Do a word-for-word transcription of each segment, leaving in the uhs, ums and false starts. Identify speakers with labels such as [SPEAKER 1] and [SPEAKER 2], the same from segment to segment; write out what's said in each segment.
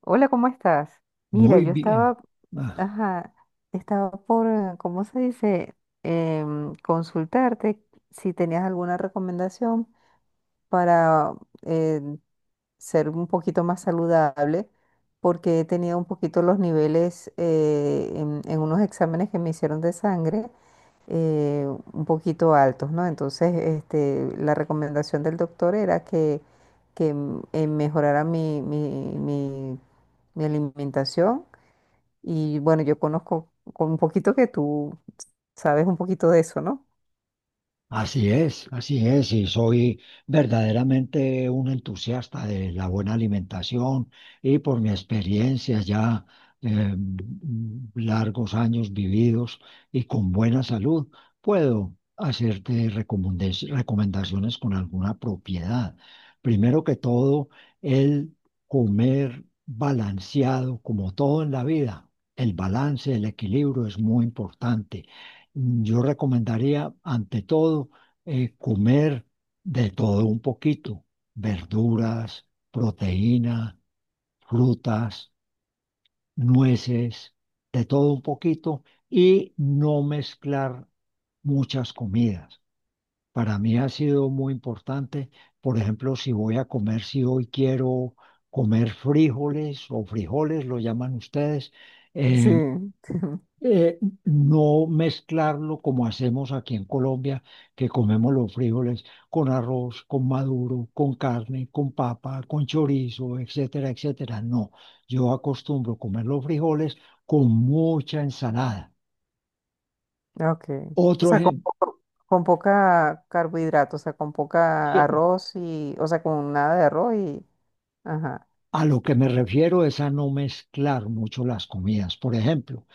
[SPEAKER 1] Hola, ¿cómo estás? Mira,
[SPEAKER 2] Muy
[SPEAKER 1] yo
[SPEAKER 2] bien.
[SPEAKER 1] estaba,
[SPEAKER 2] Ah,
[SPEAKER 1] ajá, estaba por, eh, ¿cómo se dice? Em, consultarte si tenías alguna recomendación para eh, ser un poquito más saludable, porque he tenido un poquito los niveles eh, en, en unos exámenes que me hicieron de sangre, eh, un poquito altos, ¿no? Entonces, este, la recomendación del doctor era que, que m- eh, mejorara mi, mi, mi- mi alimentación. Y bueno, yo conozco con un poquito que tú sabes un poquito de eso, ¿no?
[SPEAKER 2] así es, así es, y soy verdaderamente un entusiasta de la buena alimentación y por mi experiencia ya, eh, largos años vividos y con buena salud, puedo hacerte recomendes- recomendaciones con alguna propiedad. Primero que todo, el comer balanceado, como todo en la vida. El balance, el equilibrio es muy importante. Yo recomendaría, ante todo, eh, comer de todo un poquito: verduras, proteína, frutas, nueces, de todo un poquito, y no mezclar muchas comidas. Para mí ha sido muy importante, por ejemplo, si voy a comer, si hoy quiero comer frijoles o frijoles, lo llaman ustedes,
[SPEAKER 1] Sí,
[SPEAKER 2] eh, eh, no mezclarlo como hacemos aquí en Colombia, que comemos los frijoles con arroz, con maduro, con carne, con papa, con chorizo, etcétera, etcétera. No, yo acostumbro comer los frijoles con mucha ensalada.
[SPEAKER 1] ok. O
[SPEAKER 2] Otro
[SPEAKER 1] sea, con,
[SPEAKER 2] ejemplo,
[SPEAKER 1] poco- con poca carbohidrato, o sea, con poca arroz y, o sea, con nada de arroz y, ajá,
[SPEAKER 2] a lo que me refiero es a no mezclar mucho las comidas. Por ejemplo,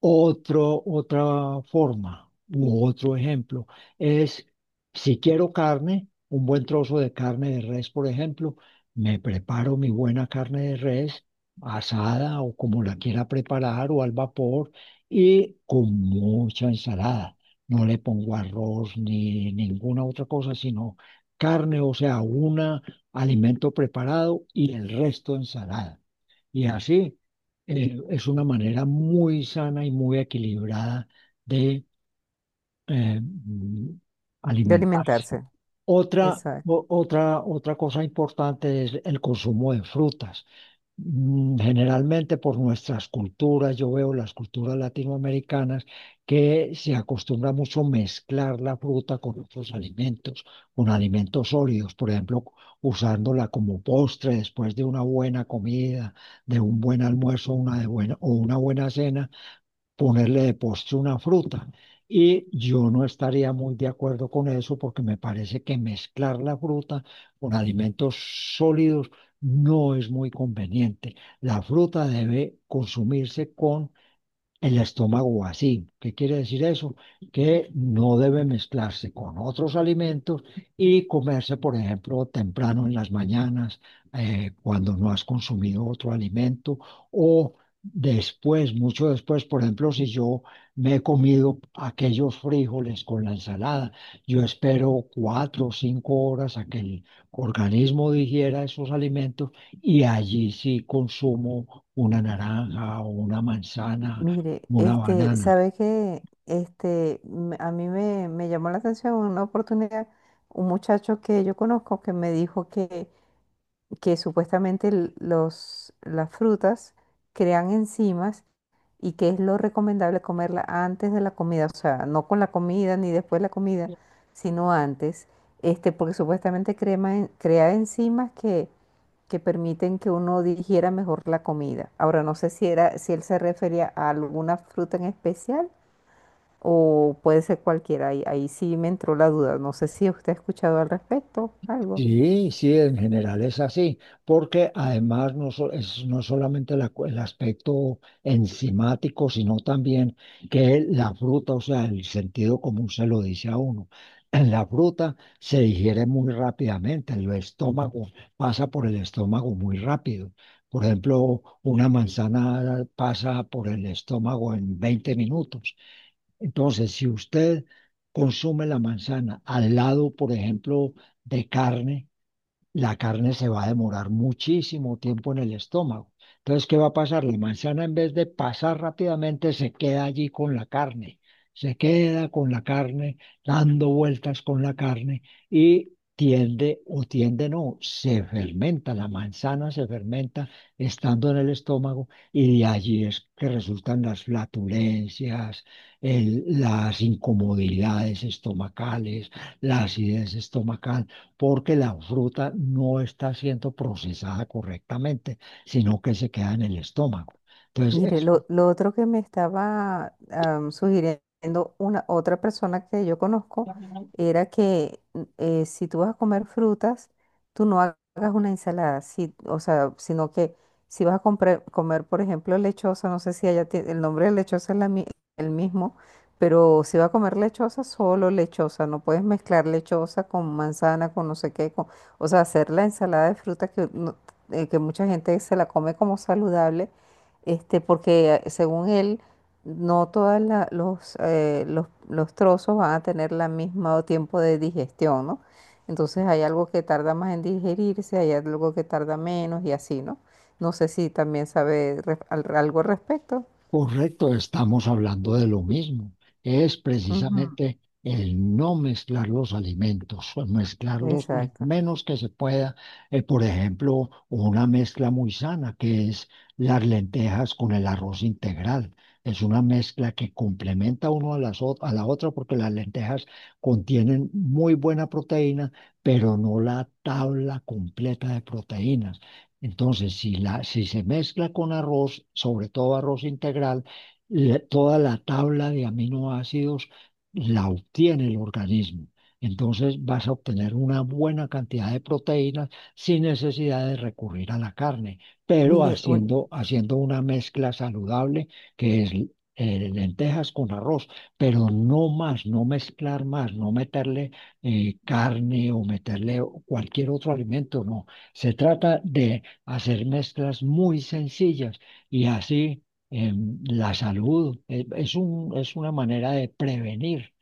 [SPEAKER 2] Otro, otra forma u otro ejemplo es, si quiero carne, un buen trozo de carne de res, por ejemplo, me preparo mi buena carne de res asada o como la quiera preparar o al vapor, y con mucha ensalada. No le pongo arroz ni ninguna otra cosa, sino carne, o sea, un alimento preparado y el resto ensalada. Y así, eh, es una manera muy sana y muy equilibrada de eh, mm,
[SPEAKER 1] de
[SPEAKER 2] alimentarse.
[SPEAKER 1] alimentarse.
[SPEAKER 2] Otra,
[SPEAKER 1] Exacto.
[SPEAKER 2] o- otra, otra cosa importante es el consumo de frutas. mm, Generalmente por nuestras culturas, yo veo las culturas latinoamericanas que se acostumbra mucho mezclar la fruta con otros alimentos, con alimentos sólidos, por ejemplo, usándola como postre después de una buena comida, de un buen almuerzo, una de buena, o una buena cena, ponerle de postre una fruta. Y yo no estaría muy de acuerdo con eso porque me parece que mezclar la fruta con alimentos sólidos no es muy conveniente. La fruta debe consumirse con el estómago vacío. ¿Qué quiere decir eso? Que no debe mezclarse con otros alimentos y comerse, por ejemplo, temprano en las mañanas, eh, cuando no has consumido otro alimento, o después, mucho después, por ejemplo, si yo me he comido aquellos frijoles con la ensalada, yo espero cuatro o cinco horas a que el organismo digiera esos alimentos, y allí sí consumo una naranja o una manzana,
[SPEAKER 1] Mire,
[SPEAKER 2] una
[SPEAKER 1] este,
[SPEAKER 2] banana.
[SPEAKER 1] ¿sabe qué? Este, me- a mí me, me llamó la atención una oportunidad, un muchacho que yo conozco que me dijo que, que supuestamente l- los, las frutas crean enzimas y que es lo recomendable comerla antes de la comida, o sea, no con la comida ni después de la comida, sino antes, este, porque supuestamente crema en- crea enzimas que permiten que uno digiera mejor la comida. Ahora no sé si era, si él se refería a alguna fruta en especial o puede ser cualquiera. Ahí, ahí sí me entró la duda. No sé si usted ha escuchado al respecto algo.
[SPEAKER 2] Sí, sí, en general es así, porque además no, so- es no solamente la cu- el aspecto enzimático, sino también que la fruta, o sea, el sentido común se lo dice a uno. En la fruta se digiere muy rápidamente, el estómago, pasa por el estómago muy rápido. Por ejemplo, una manzana pasa por el estómago en veinte minutos. Entonces, si usted consume la manzana al lado, por ejemplo, de carne, la carne se va a demorar muchísimo tiempo en el estómago. Entonces, ¿qué va a pasar? La manzana, en vez de pasar rápidamente, se queda allí con la carne, se queda con la carne, dando vueltas con la carne, y tiende o tiende no, se fermenta, la manzana se fermenta estando en el estómago, y de allí es que resultan las flatulencias, el- las incomodidades estomacales, la acidez estomacal, porque la fruta no está siendo procesada correctamente, sino que se queda en el estómago. Entonces,
[SPEAKER 1] Mire,
[SPEAKER 2] eso.
[SPEAKER 1] lo, lo otro que me estaba am, sugiriendo una otra persona que yo conozco era que mm, eh, si tú vas a comer frutas, tú no ha- hagas una ensalada, si- o sea, sino que si vas a comprar- comer, por ejemplo, lechosa, no sé si allá tie- el nombre de lechosa es la mi- el mismo, pero si vas a comer lechosa, solo lechosa, no puedes mezclar lechosa con manzana, con no sé qué, con- o sea, hacer la ensalada de frutas que, no- eh, que mucha gente se la come como saludable este, porque eh, según él, no todos los, eh, los, los trozos van a tener la misma tiempo de digestión, ¿no? Entonces hay algo que tarda más en digerirse, hay algo que tarda menos y así, ¿no? No sé si también sabe re- al- algo al respecto.
[SPEAKER 2] Correcto, estamos hablando de lo mismo. Es
[SPEAKER 1] Ujú.
[SPEAKER 2] precisamente el no mezclar los alimentos, o mezclarlos lo
[SPEAKER 1] Exacto.
[SPEAKER 2] menos que se pueda. Eh, por ejemplo, una mezcla muy sana que es las lentejas con el arroz integral. Es una mezcla que complementa uno a, las, ot- a la otra, porque las lentejas contienen muy buena proteína, pero no la tabla completa de proteínas. Entonces, si, la, si se mezcla con arroz, sobre todo arroz integral, le- toda la tabla de aminoácidos la obtiene el organismo. Entonces vas a obtener una buena cantidad de proteínas sin necesidad de recurrir a la carne, pero
[SPEAKER 1] Mire, un-
[SPEAKER 2] haciendo, haciendo una mezcla saludable que es, eh, lentejas con arroz, pero no más, no mezclar más, no meterle eh, carne, o meterle cualquier otro alimento, no. Se trata de hacer mezclas muy sencillas, y así, em, la salud, eh, es un, es una manera de prevenir,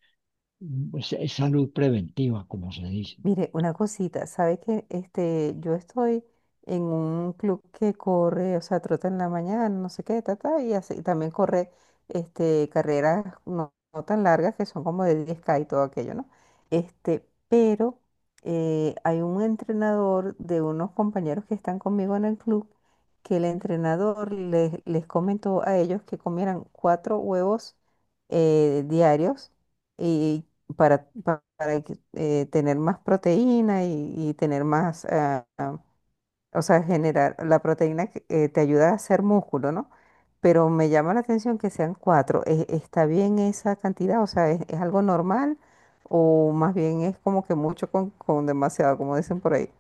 [SPEAKER 2] mm, es- es salud preventiva, como se dice.
[SPEAKER 1] Mire, una cosita, ¿sabe que este, yo estoy en un club que corre, o sea, trota en la mañana, no sé qué, ta, ta, y así, también corre este, carreras no, no tan largas, que son como de diez K y todo aquello, ¿no? Este, pero eh, hay un entrenador de unos compañeros que están conmigo en el club, que el entrenador les, les comentó a ellos que comieran cuatro huevos eh, diarios y para, pa- para que, eh, tener más proteína y, y tener más, ah, ah, o sea, generar la proteína que eh, te ayuda a hacer músculo, ¿no? Pero me llama la atención que sean cuatro. ¿E- ¿Está bien esa cantidad? O sea, ¿es, es algo normal? ¿O más bien es como que mucho con, con demasiado, como dicen por ahí?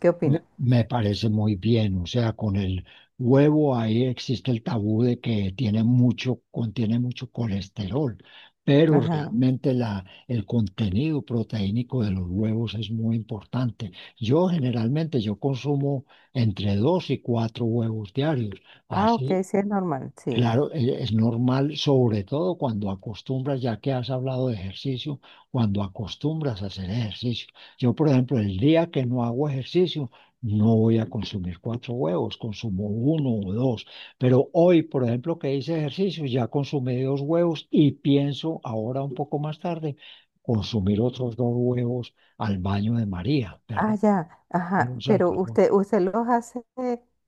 [SPEAKER 1] ¿Qué
[SPEAKER 2] Me
[SPEAKER 1] opina?
[SPEAKER 2] me parece muy bien, o sea, con el huevo ahí existe el tabú de que tiene mucho, contiene mucho colesterol, pero
[SPEAKER 1] Ajá.
[SPEAKER 2] realmente la, el contenido proteínico de los huevos es muy importante. Yo generalmente yo consumo entre dos y cuatro huevos diarios,
[SPEAKER 1] Ah, ok,
[SPEAKER 2] así.
[SPEAKER 1] sí es normal, sí.
[SPEAKER 2] Claro, e- es normal, sobre todo cuando acostumbras, ya que has hablado de ejercicio, cuando acostumbras a hacer ejercicio. Yo, por ejemplo, el día que no hago ejercicio, no voy a consumir cuatro huevos, consumo uno o dos. Pero hoy, por ejemplo, que hice ejercicio, ya consumí dos huevos y pienso ahora un poco más tarde consumir otros dos huevos al baño de María,
[SPEAKER 1] Ah,
[SPEAKER 2] ¿verdad?
[SPEAKER 1] ya, ajá,
[SPEAKER 2] Unos
[SPEAKER 1] pero
[SPEAKER 2] alfajores,
[SPEAKER 1] usted, usted los hace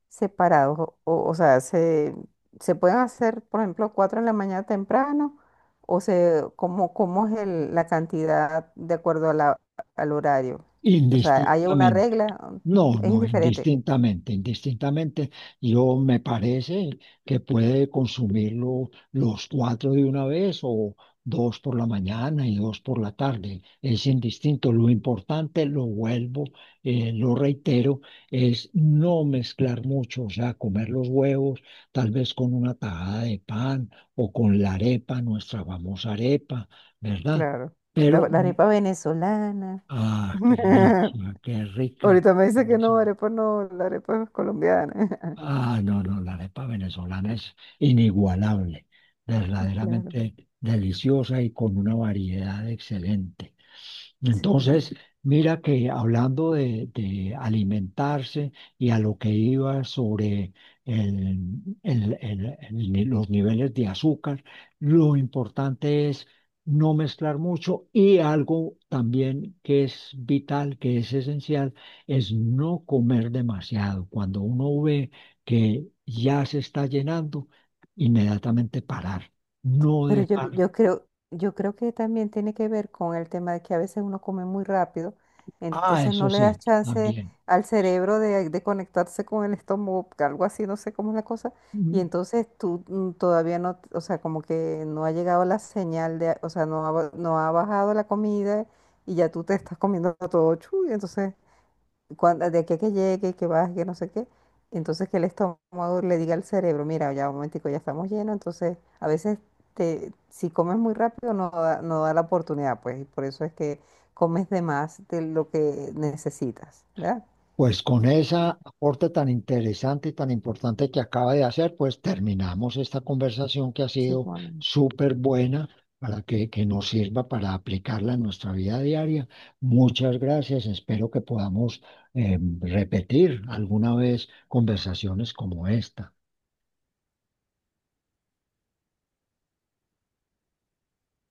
[SPEAKER 1] separados, o, o sea, se, se pueden hacer, por ejemplo, cuatro en la mañana temprano, o se, ¿cómo, cómo es el- la cantidad de acuerdo a la- al horario? O sea, ¿hay una
[SPEAKER 2] indistintamente.
[SPEAKER 1] regla?
[SPEAKER 2] No,
[SPEAKER 1] Es
[SPEAKER 2] no,
[SPEAKER 1] indiferente.
[SPEAKER 2] indistintamente, indistintamente, yo me parece que puede consumirlo los cuatro de una vez, o dos por la mañana y dos por la tarde. Es indistinto. Lo importante, lo vuelvo, eh, lo reitero, es no mezclar mucho, o sea, comer los huevos tal vez con una tajada de pan o con la arepa, nuestra famosa arepa, ¿verdad?
[SPEAKER 1] Claro. La,
[SPEAKER 2] Pero,
[SPEAKER 1] la
[SPEAKER 2] mm,
[SPEAKER 1] arepa venezolana.
[SPEAKER 2] ah, qué delicia, qué rica.
[SPEAKER 1] Ahorita me dice que no, arepa no, la arepa es colombiana.
[SPEAKER 2] Ah, no, no, la arepa venezolana es inigualable,
[SPEAKER 1] Claro.
[SPEAKER 2] verdaderamente deliciosa y con una variedad excelente.
[SPEAKER 1] Sí.
[SPEAKER 2] Entonces, mira que hablando de, de alimentarse, y a lo que iba sobre el- el- el- el ni- los niveles de azúcar, lo importante es no mezclar mucho, y algo también que es vital, que es esencial, es no comer demasiado. Cuando uno ve que ya se está llenando, inmediatamente parar, no
[SPEAKER 1] Pero yo,
[SPEAKER 2] dejar.
[SPEAKER 1] yo creo, yo creo que también tiene que ver con el tema de que a veces uno come muy rápido,
[SPEAKER 2] Ah,
[SPEAKER 1] entonces no
[SPEAKER 2] eso
[SPEAKER 1] le das
[SPEAKER 2] sí,
[SPEAKER 1] chance
[SPEAKER 2] también.
[SPEAKER 1] al cerebro de, de conectarse con el estómago, algo así, no sé cómo es la cosa, y
[SPEAKER 2] Mm,
[SPEAKER 1] entonces tú mm, todavía no, o sea, como que no ha llegado la señal de, o sea, no ha, ba- no ha bajado la comida y ya tú te estás comiendo todo chuy, entonces cuando, de aquí a que llegue, que baje, que no sé qué, entonces que el estómago le diga al cerebro, mira, ya un momentico, ya estamos llenos, entonces a veces te, si comes muy rápido no da, no da la oportunidad, pues, y por eso es que comes de más de lo que necesitas, ¿verdad?
[SPEAKER 2] Pues con ese aporte tan interesante y tan importante que acaba de hacer, pues terminamos esta conversación que ha
[SPEAKER 1] Sí,
[SPEAKER 2] sido
[SPEAKER 1] bueno.
[SPEAKER 2] súper buena para que, que nos sirva para aplicarla en nuestra vida diaria. Muchas gracias. Espero que podamos, eh, repetir alguna vez conversaciones como esta.